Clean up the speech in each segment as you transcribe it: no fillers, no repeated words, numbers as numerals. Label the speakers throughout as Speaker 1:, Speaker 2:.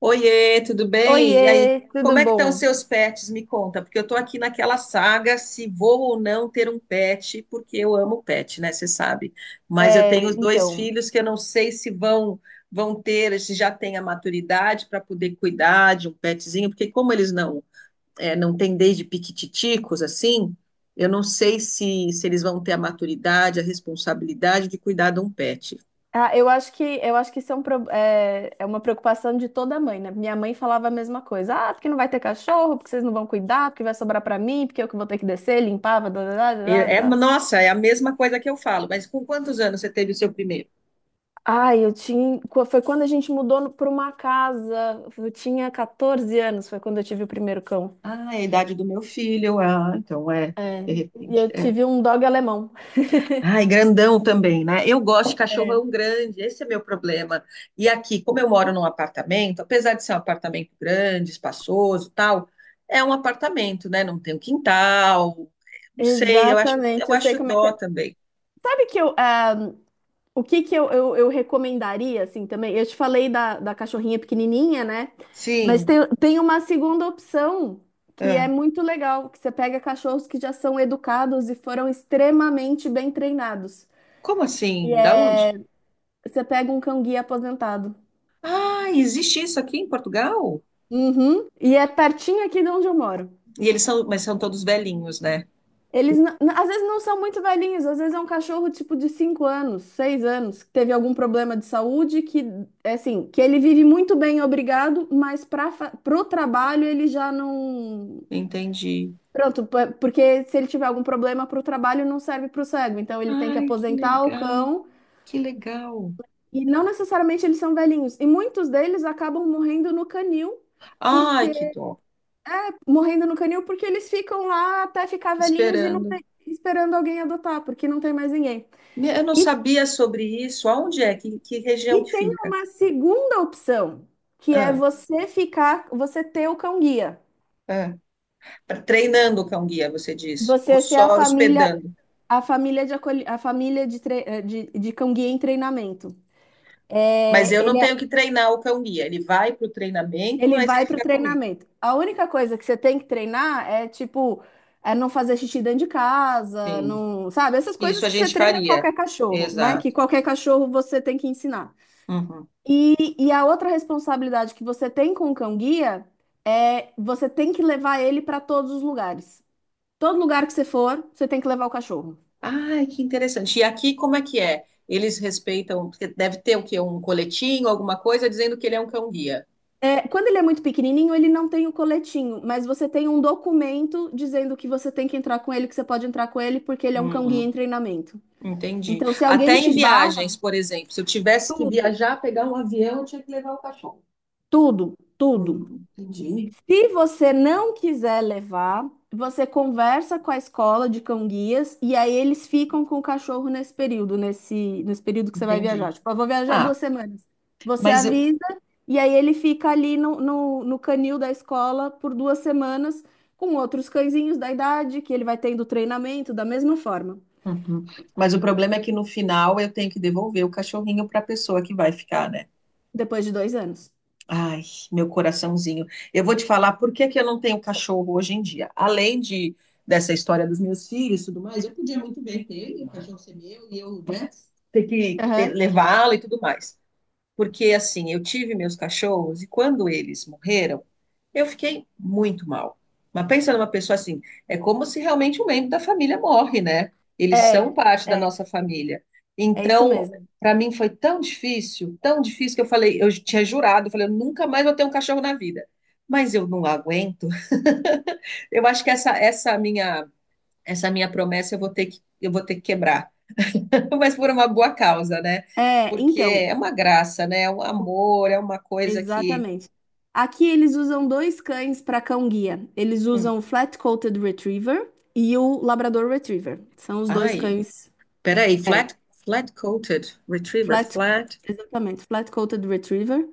Speaker 1: Oiê, tudo bem? E aí,
Speaker 2: Oiê, tudo
Speaker 1: como é que estão os
Speaker 2: bom?
Speaker 1: seus pets? Me conta, porque eu estou aqui naquela saga se vou ou não ter um pet, porque eu amo pet, né? Você sabe. Mas eu
Speaker 2: É,
Speaker 1: tenho os dois
Speaker 2: então,
Speaker 1: filhos que eu não sei se vão ter, se já têm a maturidade para poder cuidar de um petzinho, porque como eles não têm desde piquititicos assim, eu não sei se eles vão ter a maturidade, a responsabilidade de cuidar de um pet.
Speaker 2: ah, eu acho que isso é uma preocupação de toda mãe, né? Minha mãe falava a mesma coisa. Ah, porque não vai ter cachorro, porque vocês não vão cuidar, porque vai sobrar pra mim, porque eu que vou ter que descer, limpar, blá, blá, blá, blá, blá.
Speaker 1: Nossa, é a mesma coisa que eu falo, mas com quantos anos você teve o seu primeiro?
Speaker 2: Ai, foi quando a gente mudou pra uma casa. Eu tinha 14 anos, foi quando eu tive o primeiro cão.
Speaker 1: Ah, é a idade do meu filho. Ah, então é,
Speaker 2: É,
Speaker 1: de
Speaker 2: e
Speaker 1: repente.
Speaker 2: eu
Speaker 1: É.
Speaker 2: tive um dog alemão.
Speaker 1: Ai, grandão também, né? Eu gosto de
Speaker 2: É,
Speaker 1: cachorrão grande, esse é meu problema. E aqui, como eu moro num apartamento, apesar de ser um apartamento grande, espaçoso, e tal, é um apartamento, né? Não tem um quintal. Não sei, eu
Speaker 2: exatamente, eu sei
Speaker 1: acho
Speaker 2: como é que
Speaker 1: dó
Speaker 2: é.
Speaker 1: também.
Speaker 2: Sabe que eu, ah, O que que eu recomendaria, assim, também? Eu te falei da, cachorrinha pequenininha, né? Mas tem,
Speaker 1: Sim.
Speaker 2: uma segunda opção que é
Speaker 1: É.
Speaker 2: muito legal, que você pega cachorros que já são educados e foram extremamente bem treinados.
Speaker 1: Como assim? Da onde?
Speaker 2: Você pega um cão-guia aposentado.
Speaker 1: Ah, existe isso aqui em Portugal?
Speaker 2: Uhum. E é pertinho aqui de onde eu moro.
Speaker 1: E eles são, mas são todos velhinhos, né?
Speaker 2: Às vezes não são muito velhinhos, às vezes é um cachorro tipo de 5 anos, 6 anos, que teve algum problema de saúde, que é assim, que ele vive muito bem, obrigado, mas para pro trabalho ele já não.
Speaker 1: Entendi.
Speaker 2: Pronto, porque se ele tiver algum problema pro trabalho não serve pro cego, então ele tem que
Speaker 1: Ai, que
Speaker 2: aposentar o
Speaker 1: legal.
Speaker 2: cão
Speaker 1: Que legal.
Speaker 2: e não necessariamente eles são velhinhos. E muitos deles acabam morrendo no canil,
Speaker 1: Ai, que
Speaker 2: porque
Speaker 1: dó.
Speaker 2: porque eles ficam lá até ficar velhinhos e não
Speaker 1: Esperando.
Speaker 2: tem, esperando alguém adotar, porque não tem mais ninguém.
Speaker 1: Eu não
Speaker 2: E
Speaker 1: sabia sobre isso. Aonde é? Que região
Speaker 2: E
Speaker 1: que
Speaker 2: tem
Speaker 1: fica?
Speaker 2: uma segunda opção, que é
Speaker 1: Ah,
Speaker 2: você ter o cão guia.
Speaker 1: ah. Treinando o cão-guia, você diz. Ou
Speaker 2: Você ser a
Speaker 1: só
Speaker 2: família,
Speaker 1: hospedando.
Speaker 2: a família de, de cão guia em treinamento.
Speaker 1: Mas
Speaker 2: É,
Speaker 1: eu
Speaker 2: ele,
Speaker 1: não
Speaker 2: é-
Speaker 1: tenho que treinar o cão-guia. Ele vai para o treinamento,
Speaker 2: Ele
Speaker 1: mas ele
Speaker 2: vai para o
Speaker 1: fica comigo.
Speaker 2: treinamento. A única coisa que você tem que treinar é tipo, é não fazer xixi dentro de casa,
Speaker 1: Sim.
Speaker 2: não, sabe? Essas
Speaker 1: Isso
Speaker 2: coisas
Speaker 1: a
Speaker 2: que você
Speaker 1: gente
Speaker 2: treina
Speaker 1: faria.
Speaker 2: qualquer cachorro, né? Que
Speaker 1: Exato.
Speaker 2: qualquer cachorro você tem que ensinar.
Speaker 1: Uhum.
Speaker 2: E a outra responsabilidade que você tem com o cão-guia é você tem que levar ele para todos os lugares. Todo lugar que você for, você tem que levar o cachorro.
Speaker 1: Ai, que interessante. E aqui como é que é? Eles respeitam, porque deve ter o quê? Um coletinho, alguma coisa, dizendo que ele é um cão-guia.
Speaker 2: É, quando ele é muito pequenininho, ele não tem o coletinho, mas você tem um documento dizendo que você tem que entrar com ele, que você pode entrar com ele, porque ele é um cão-guia em treinamento.
Speaker 1: Entendi.
Speaker 2: Então, se alguém
Speaker 1: Até em
Speaker 2: te barra,
Speaker 1: viagens, por exemplo, se eu tivesse que
Speaker 2: tudo,
Speaker 1: viajar, pegar um avião, eu tinha que levar o cachorro.
Speaker 2: tudo, tudo.
Speaker 1: Entendi,
Speaker 2: Se você não quiser levar, você conversa com a escola de cão-guias e aí eles ficam com o cachorro nesse período, nesse período que você vai viajar.
Speaker 1: entendi.
Speaker 2: Tipo, eu vou viajar duas
Speaker 1: Ah,
Speaker 2: semanas. Você
Speaker 1: mas, eu-
Speaker 2: avisa e aí ele fica ali no, no canil da escola por 2 semanas com outros cãezinhos da idade que ele vai tendo treinamento da mesma forma,
Speaker 1: Uhum. Mas o problema é que no final eu tenho que devolver o cachorrinho para a pessoa que vai ficar, né?
Speaker 2: depois de 2 anos.
Speaker 1: Ai, meu coraçãozinho. Eu vou te falar por que que eu não tenho cachorro hoje em dia. Além de dessa história dos meus filhos e tudo mais, eu podia muito bem ter ele, o cachorro ser meu e eu, né,
Speaker 2: Aham.
Speaker 1: levá-lo e tudo mais. Porque assim, eu tive meus cachorros e quando eles morreram, eu fiquei muito mal. Mas pensa numa pessoa assim, é como se realmente um membro da família morre, né? Eles
Speaker 2: É,
Speaker 1: são parte da
Speaker 2: é,
Speaker 1: nossa família.
Speaker 2: é isso
Speaker 1: Então,
Speaker 2: mesmo.
Speaker 1: para mim foi tão difícil que eu falei, eu tinha jurado, eu falei, eu nunca mais vou ter um cachorro na vida. Mas eu não aguento. Eu acho que essa minha promessa eu vou ter que quebrar. Mas por uma boa causa, né?
Speaker 2: É,
Speaker 1: Porque
Speaker 2: então,
Speaker 1: é uma graça, né? É um amor, é uma coisa que.
Speaker 2: exatamente. Aqui eles usam dois cães para cão-guia. Eles
Speaker 1: Hum.
Speaker 2: usam o Flat-Coated Retriever e o Labrador Retriever. São os dois
Speaker 1: Ai,
Speaker 2: cães.
Speaker 1: peraí,
Speaker 2: É,
Speaker 1: flat, flat coated retriever,
Speaker 2: flat,
Speaker 1: flat.
Speaker 2: exatamente, Flat-Coated Retriever.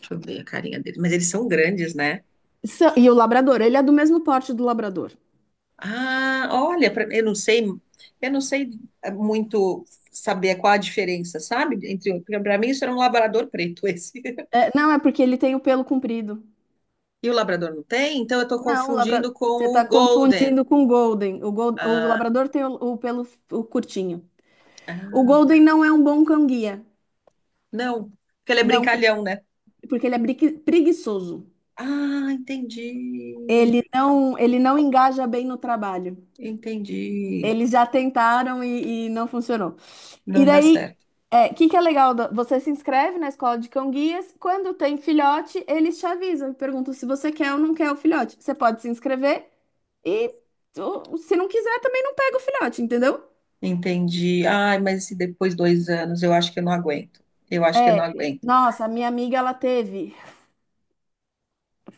Speaker 1: Deixa eu ver a carinha deles, mas eles são grandes, né?
Speaker 2: E o Labrador, ele é do mesmo porte do Labrador.
Speaker 1: Ah, olha, eu não sei é, muito saber qual a diferença, sabe? Entre, para mim isso era um labrador preto esse.
Speaker 2: É, não, é porque ele tem o pelo comprido.
Speaker 1: E o labrador não tem, então eu tô
Speaker 2: Não,
Speaker 1: confundindo com
Speaker 2: você
Speaker 1: o
Speaker 2: está
Speaker 1: golden.
Speaker 2: confundindo com o Golden. O
Speaker 1: Ah,
Speaker 2: Labrador tem o pelo o curtinho. O
Speaker 1: ah, tá.
Speaker 2: Golden não é um bom cão-guia.
Speaker 1: Não, porque ele é
Speaker 2: Não,
Speaker 1: brincalhão, né?
Speaker 2: porque ele é preguiçoso.
Speaker 1: Ah, entendi.
Speaker 2: Ele não engaja bem no trabalho.
Speaker 1: Entendi.
Speaker 2: Eles já tentaram e não funcionou. E
Speaker 1: Não dá
Speaker 2: daí,
Speaker 1: certo.
Speaker 2: o que que é legal? Você se inscreve na escola de cão-guias. Quando tem filhote, eles te avisam, perguntam se você quer ou não quer o filhote. Você pode se inscrever e ou, se não quiser, também não pega o filhote, entendeu?
Speaker 1: Entendi. Ai, mas se depois dois anos, eu acho que eu não aguento. Eu acho que eu não
Speaker 2: É.
Speaker 1: aguento.
Speaker 2: Nossa, a minha amiga, ela teve.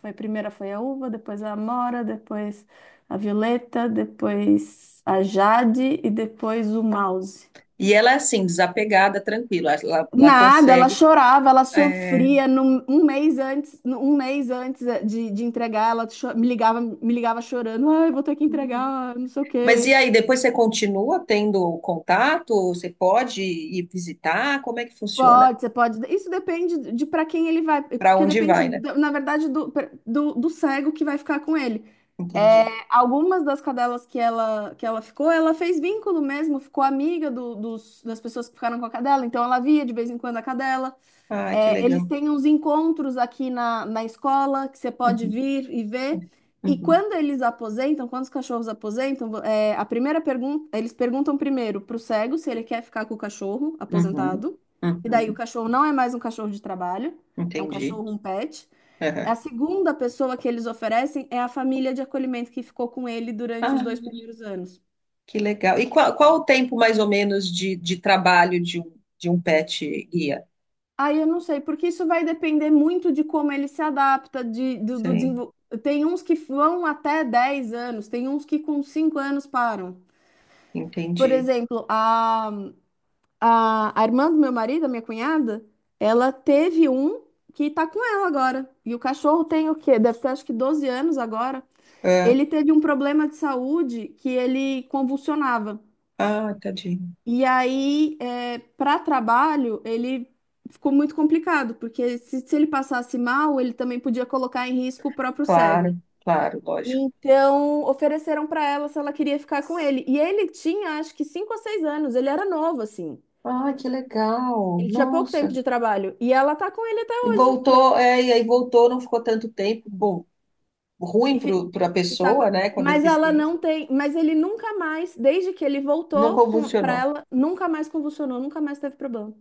Speaker 2: Foi, primeira foi a uva, depois a amora, depois a violeta, depois a jade e depois o mouse.
Speaker 1: E ela é assim, desapegada, tranquila. Ela
Speaker 2: Nada, ela
Speaker 1: consegue.
Speaker 2: chorava, ela
Speaker 1: É.
Speaker 2: sofria. Um mês antes, um mês antes de entregar, ela me ligava chorando. Ai, vou ter que
Speaker 1: Hum.
Speaker 2: entregar, não sei o
Speaker 1: Mas
Speaker 2: quê.
Speaker 1: e aí, depois você continua tendo contato? Você pode ir visitar? Como é que funciona?
Speaker 2: Pode, você pode. Isso depende de para quem ele vai,
Speaker 1: Para
Speaker 2: porque
Speaker 1: onde
Speaker 2: depende,
Speaker 1: vai, né?
Speaker 2: na verdade, do cego que vai ficar com ele. É,
Speaker 1: Entendi.
Speaker 2: algumas das cadelas que ela ficou, ela fez vínculo mesmo, ficou amiga das pessoas que ficaram com a cadela, então ela via de vez em quando a cadela.
Speaker 1: Ah, que
Speaker 2: É, eles
Speaker 1: legal.
Speaker 2: têm uns encontros aqui na escola que você pode
Speaker 1: Uhum,
Speaker 2: vir e ver. E
Speaker 1: uhum,
Speaker 2: quando eles aposentam, quando os cachorros aposentam, a primeira pergunta, eles perguntam primeiro para o cego se ele quer ficar com o cachorro
Speaker 1: uhum,
Speaker 2: aposentado. E daí o
Speaker 1: uhum.
Speaker 2: cachorro não é mais um cachorro de trabalho, é um
Speaker 1: Entendi.
Speaker 2: cachorro, um pet. A
Speaker 1: Uhum.
Speaker 2: segunda pessoa que eles oferecem é a família de acolhimento que ficou com ele durante
Speaker 1: Ah,
Speaker 2: os 2 primeiros anos.
Speaker 1: que legal. E qual o tempo mais ou menos de trabalho de um pet guia?
Speaker 2: Aí eu não sei, porque isso vai depender muito de como ele se adapta, do
Speaker 1: Sei,
Speaker 2: desenvol... Tem uns que vão até 10 anos, tem uns que com 5 anos param. Por
Speaker 1: entendi.
Speaker 2: exemplo, a irmã do meu marido, a minha cunhada, ela teve um que tá com ela agora. E o cachorro tem o quê? Deve ter acho que 12 anos agora.
Speaker 1: É.
Speaker 2: Ele teve um problema de saúde que ele convulsionava.
Speaker 1: Ah, tadinho.
Speaker 2: E aí, para trabalho, ele ficou muito complicado, porque se ele passasse mal, ele também podia colocar em risco o próprio
Speaker 1: Claro,
Speaker 2: cego.
Speaker 1: claro, lógico.
Speaker 2: Então, ofereceram para ela se ela queria ficar com ele. E ele tinha, acho que, 5 ou 6 anos, ele era novo, assim.
Speaker 1: Ah, que legal.
Speaker 2: Ele tinha pouco tempo
Speaker 1: Nossa.
Speaker 2: de trabalho. E ela tá com ele até
Speaker 1: E
Speaker 2: hoje.
Speaker 1: voltou, é, e aí voltou, não ficou tanto tempo. Bom, ruim
Speaker 2: E, fi-
Speaker 1: para a
Speaker 2: e tá com...
Speaker 1: pessoa, né, com a
Speaker 2: Mas ela
Speaker 1: deficiência.
Speaker 2: não tem. Mas ele nunca mais, desde que ele
Speaker 1: Não
Speaker 2: voltou para
Speaker 1: convulsionou.
Speaker 2: ela, nunca mais convulsionou, nunca mais teve problema.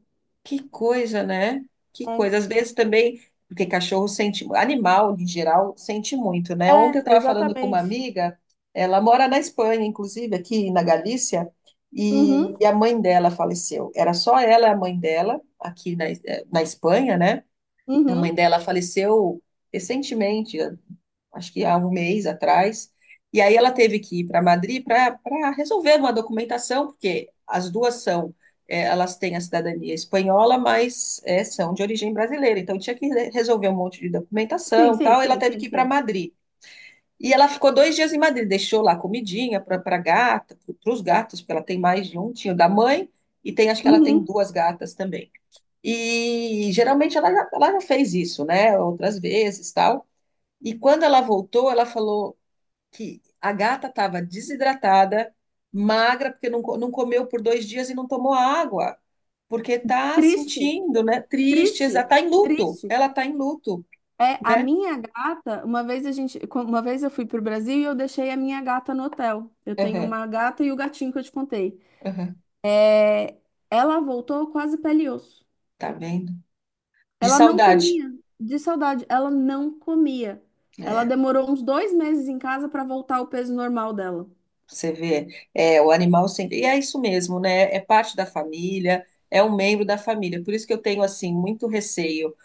Speaker 1: Que coisa, né? Que
Speaker 2: É,
Speaker 1: coisa. Às vezes também, porque cachorro sente, animal em geral sente muito, né? Ontem eu
Speaker 2: é,
Speaker 1: estava falando com uma
Speaker 2: exatamente.
Speaker 1: amiga, ela mora na Espanha, inclusive aqui na Galícia, e
Speaker 2: Uhum.
Speaker 1: a mãe dela faleceu. Era só ela e a mãe dela aqui na Espanha, né? A mãe
Speaker 2: Uhum.
Speaker 1: dela faleceu recentemente, acho que há um mês atrás. E aí ela teve que ir para Madrid para resolver uma documentação, porque as duas são, é, elas têm a cidadania espanhola, mas é, são de origem brasileira. Então resolver um monte de
Speaker 2: Sim,
Speaker 1: documentação, e
Speaker 2: sim,
Speaker 1: tal. E ela
Speaker 2: sim,
Speaker 1: teve
Speaker 2: sim,
Speaker 1: que ir para
Speaker 2: sim.
Speaker 1: Madrid. E ela ficou dois dias em Madrid, deixou lá comidinha para gata, para os gatos, porque ela tem mais de um, tinha o da mãe e tem, acho que ela tem
Speaker 2: Uhum.
Speaker 1: duas gatas também. E geralmente ela já fez isso, né? Outras vezes, tal. E quando ela voltou, ela falou que a gata estava desidratada, magra, porque não comeu por dois dias e não tomou água, porque tá
Speaker 2: Triste,
Speaker 1: sentindo, né? Triste,
Speaker 2: triste,
Speaker 1: tá em luto.
Speaker 2: triste.
Speaker 1: Ela tá em luto,
Speaker 2: É, a
Speaker 1: né?
Speaker 2: minha gata, uma vez eu fui pro Brasil e eu deixei a minha gata no hotel. Eu tenho
Speaker 1: Aham,
Speaker 2: uma gata e o gatinho que eu te contei.
Speaker 1: aham,
Speaker 2: Ela voltou quase pele e osso.
Speaker 1: tá vendo? De
Speaker 2: Ela não
Speaker 1: saudade.
Speaker 2: comia, de saudade, ela não comia. Ela
Speaker 1: É.
Speaker 2: demorou uns 2 meses em casa para voltar ao peso normal dela.
Speaker 1: Você vê, é, o animal sempre. E é isso mesmo, né? É parte da família, é um membro da família. Por isso que eu tenho, assim, muito receio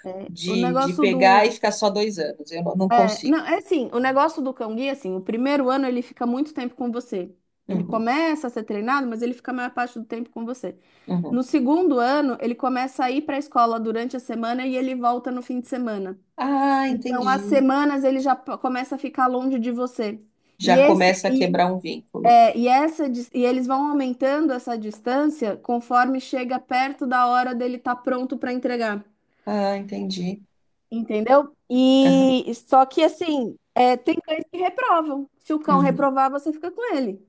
Speaker 2: O
Speaker 1: de
Speaker 2: negócio do
Speaker 1: pegar e ficar só dois anos. Eu não, não consigo.
Speaker 2: Não, é assim, o negócio do cão-guia, assim, o primeiro ano ele fica muito tempo com você. Ele
Speaker 1: Uhum,
Speaker 2: começa a ser treinado, mas ele fica a maior parte do tempo com você.
Speaker 1: uhum.
Speaker 2: No segundo ano, ele começa a ir para a escola durante a semana e ele volta no fim de semana.
Speaker 1: Ah,
Speaker 2: Então, as
Speaker 1: entendi.
Speaker 2: semanas ele já começa a ficar longe de você. E,
Speaker 1: Já
Speaker 2: esse,
Speaker 1: começa a
Speaker 2: e,
Speaker 1: quebrar um vínculo.
Speaker 2: é, e, essa, dis- E eles vão aumentando essa distância conforme chega perto da hora dele estar pronto para entregar.
Speaker 1: Ah, entendi.
Speaker 2: Entendeu?
Speaker 1: Aham,
Speaker 2: E só que assim, é, tem cães que reprovam. Se o cão
Speaker 1: uhum,
Speaker 2: reprovar, você fica com ele.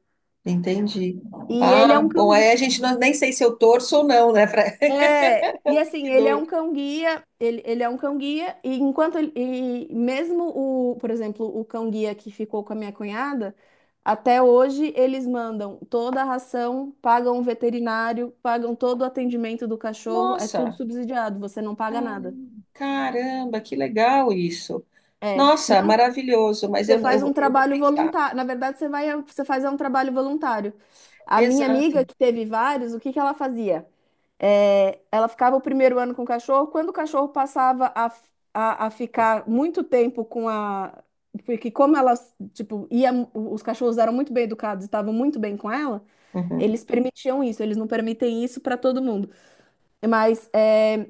Speaker 1: entendi.
Speaker 2: E ele é
Speaker 1: Ah,
Speaker 2: um
Speaker 1: bom,
Speaker 2: cão
Speaker 1: aí
Speaker 2: gui-
Speaker 1: a gente não, nem sei se eu torço ou não, né? Pra...
Speaker 2: e assim,
Speaker 1: Que
Speaker 2: ele é
Speaker 1: dor.
Speaker 2: um cão guia, ele é um cão guia, e enquanto ele, e mesmo o, por exemplo, o cão guia que ficou com a minha cunhada, até hoje eles mandam toda a ração, pagam o veterinário, pagam todo o atendimento do cachorro, é tudo
Speaker 1: Nossa,
Speaker 2: subsidiado, você não paga nada.
Speaker 1: caramba, que legal isso.
Speaker 2: É, e
Speaker 1: Nossa,
Speaker 2: é um
Speaker 1: maravilhoso, mas
Speaker 2: Você faz um
Speaker 1: eu vou
Speaker 2: trabalho
Speaker 1: pensar.
Speaker 2: voluntário. Na verdade, você faz é um trabalho voluntário. A minha
Speaker 1: Exato.
Speaker 2: amiga, que teve vários, o que que ela fazia? É, ela ficava o primeiro ano com o cachorro. Quando o cachorro passava a ficar muito tempo com a. Porque tipo, os cachorros eram muito bem educados e estavam muito bem com ela,
Speaker 1: Uhum.
Speaker 2: eles permitiam isso, eles não permitem isso para todo mundo. Mas é,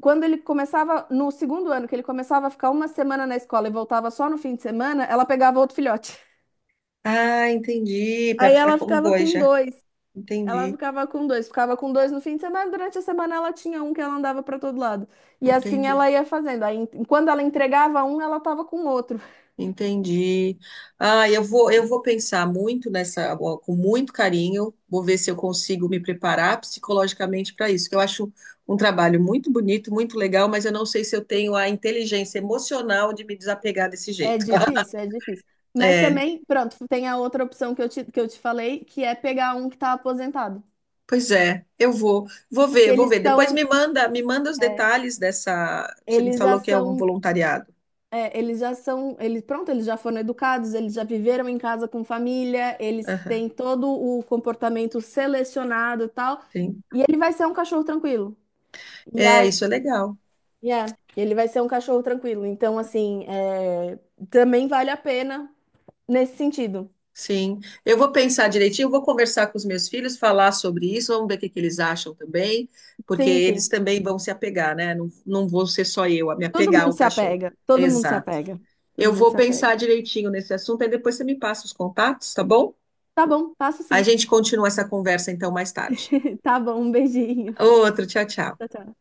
Speaker 2: quando ele começava, no segundo ano, que ele começava a ficar uma semana na escola e voltava só no fim de semana, ela pegava outro filhote.
Speaker 1: Ah, entendi, para
Speaker 2: Aí
Speaker 1: ficar
Speaker 2: ela
Speaker 1: como
Speaker 2: ficava com
Speaker 1: boija.
Speaker 2: dois. Ela
Speaker 1: Entendi,
Speaker 2: ficava com dois no fim de semana, durante a semana ela tinha um que ela andava para todo lado. E assim
Speaker 1: entendi,
Speaker 2: ela ia fazendo. Aí, quando ela entregava um, ela tava com outro.
Speaker 1: entendi. Ah, eu vou pensar muito nessa, com muito carinho, vou ver se eu consigo me preparar psicologicamente para isso, que eu acho um trabalho muito bonito, muito legal, mas eu não sei se eu tenho a inteligência emocional de me desapegar desse
Speaker 2: É
Speaker 1: jeito.
Speaker 2: difícil, é difícil. Mas
Speaker 1: É.
Speaker 2: também, pronto, tem a outra opção que eu te falei, que é pegar um que tá aposentado.
Speaker 1: Pois é, vou
Speaker 2: Que
Speaker 1: ver, vou
Speaker 2: eles
Speaker 1: ver. Depois
Speaker 2: são,
Speaker 1: me manda os
Speaker 2: é,
Speaker 1: detalhes dessa. Você me
Speaker 2: eles já
Speaker 1: falou que é um
Speaker 2: são
Speaker 1: voluntariado.
Speaker 2: É, eles já foram educados, eles já viveram em casa com família, eles
Speaker 1: Aham,
Speaker 2: têm todo o comportamento selecionado e tal,
Speaker 1: sim.
Speaker 2: e ele vai ser um cachorro tranquilo. E
Speaker 1: É,
Speaker 2: a,
Speaker 1: isso é legal.
Speaker 2: e é, ele vai ser um cachorro tranquilo. Então, assim, também vale a pena nesse sentido.
Speaker 1: Sim. Eu vou pensar direitinho, vou conversar com os meus filhos, falar sobre isso, vamos ver o que que eles acham também, porque
Speaker 2: Sim,
Speaker 1: eles
Speaker 2: sim.
Speaker 1: também vão se apegar, né? Não, não vou ser só eu a me
Speaker 2: Todo
Speaker 1: apegar
Speaker 2: mundo
Speaker 1: ao
Speaker 2: se
Speaker 1: cachorro.
Speaker 2: apega, todo mundo se
Speaker 1: Exato.
Speaker 2: apega, todo
Speaker 1: Eu
Speaker 2: mundo
Speaker 1: vou
Speaker 2: se apega.
Speaker 1: pensar direitinho nesse assunto, e depois você me passa os contatos, tá bom?
Speaker 2: Tá bom, passo
Speaker 1: A
Speaker 2: sim.
Speaker 1: gente continua essa conversa então mais tarde.
Speaker 2: Tá bom, um beijinho.
Speaker 1: Outro, tchau,
Speaker 2: Tchau,
Speaker 1: tchau.
Speaker 2: tchau.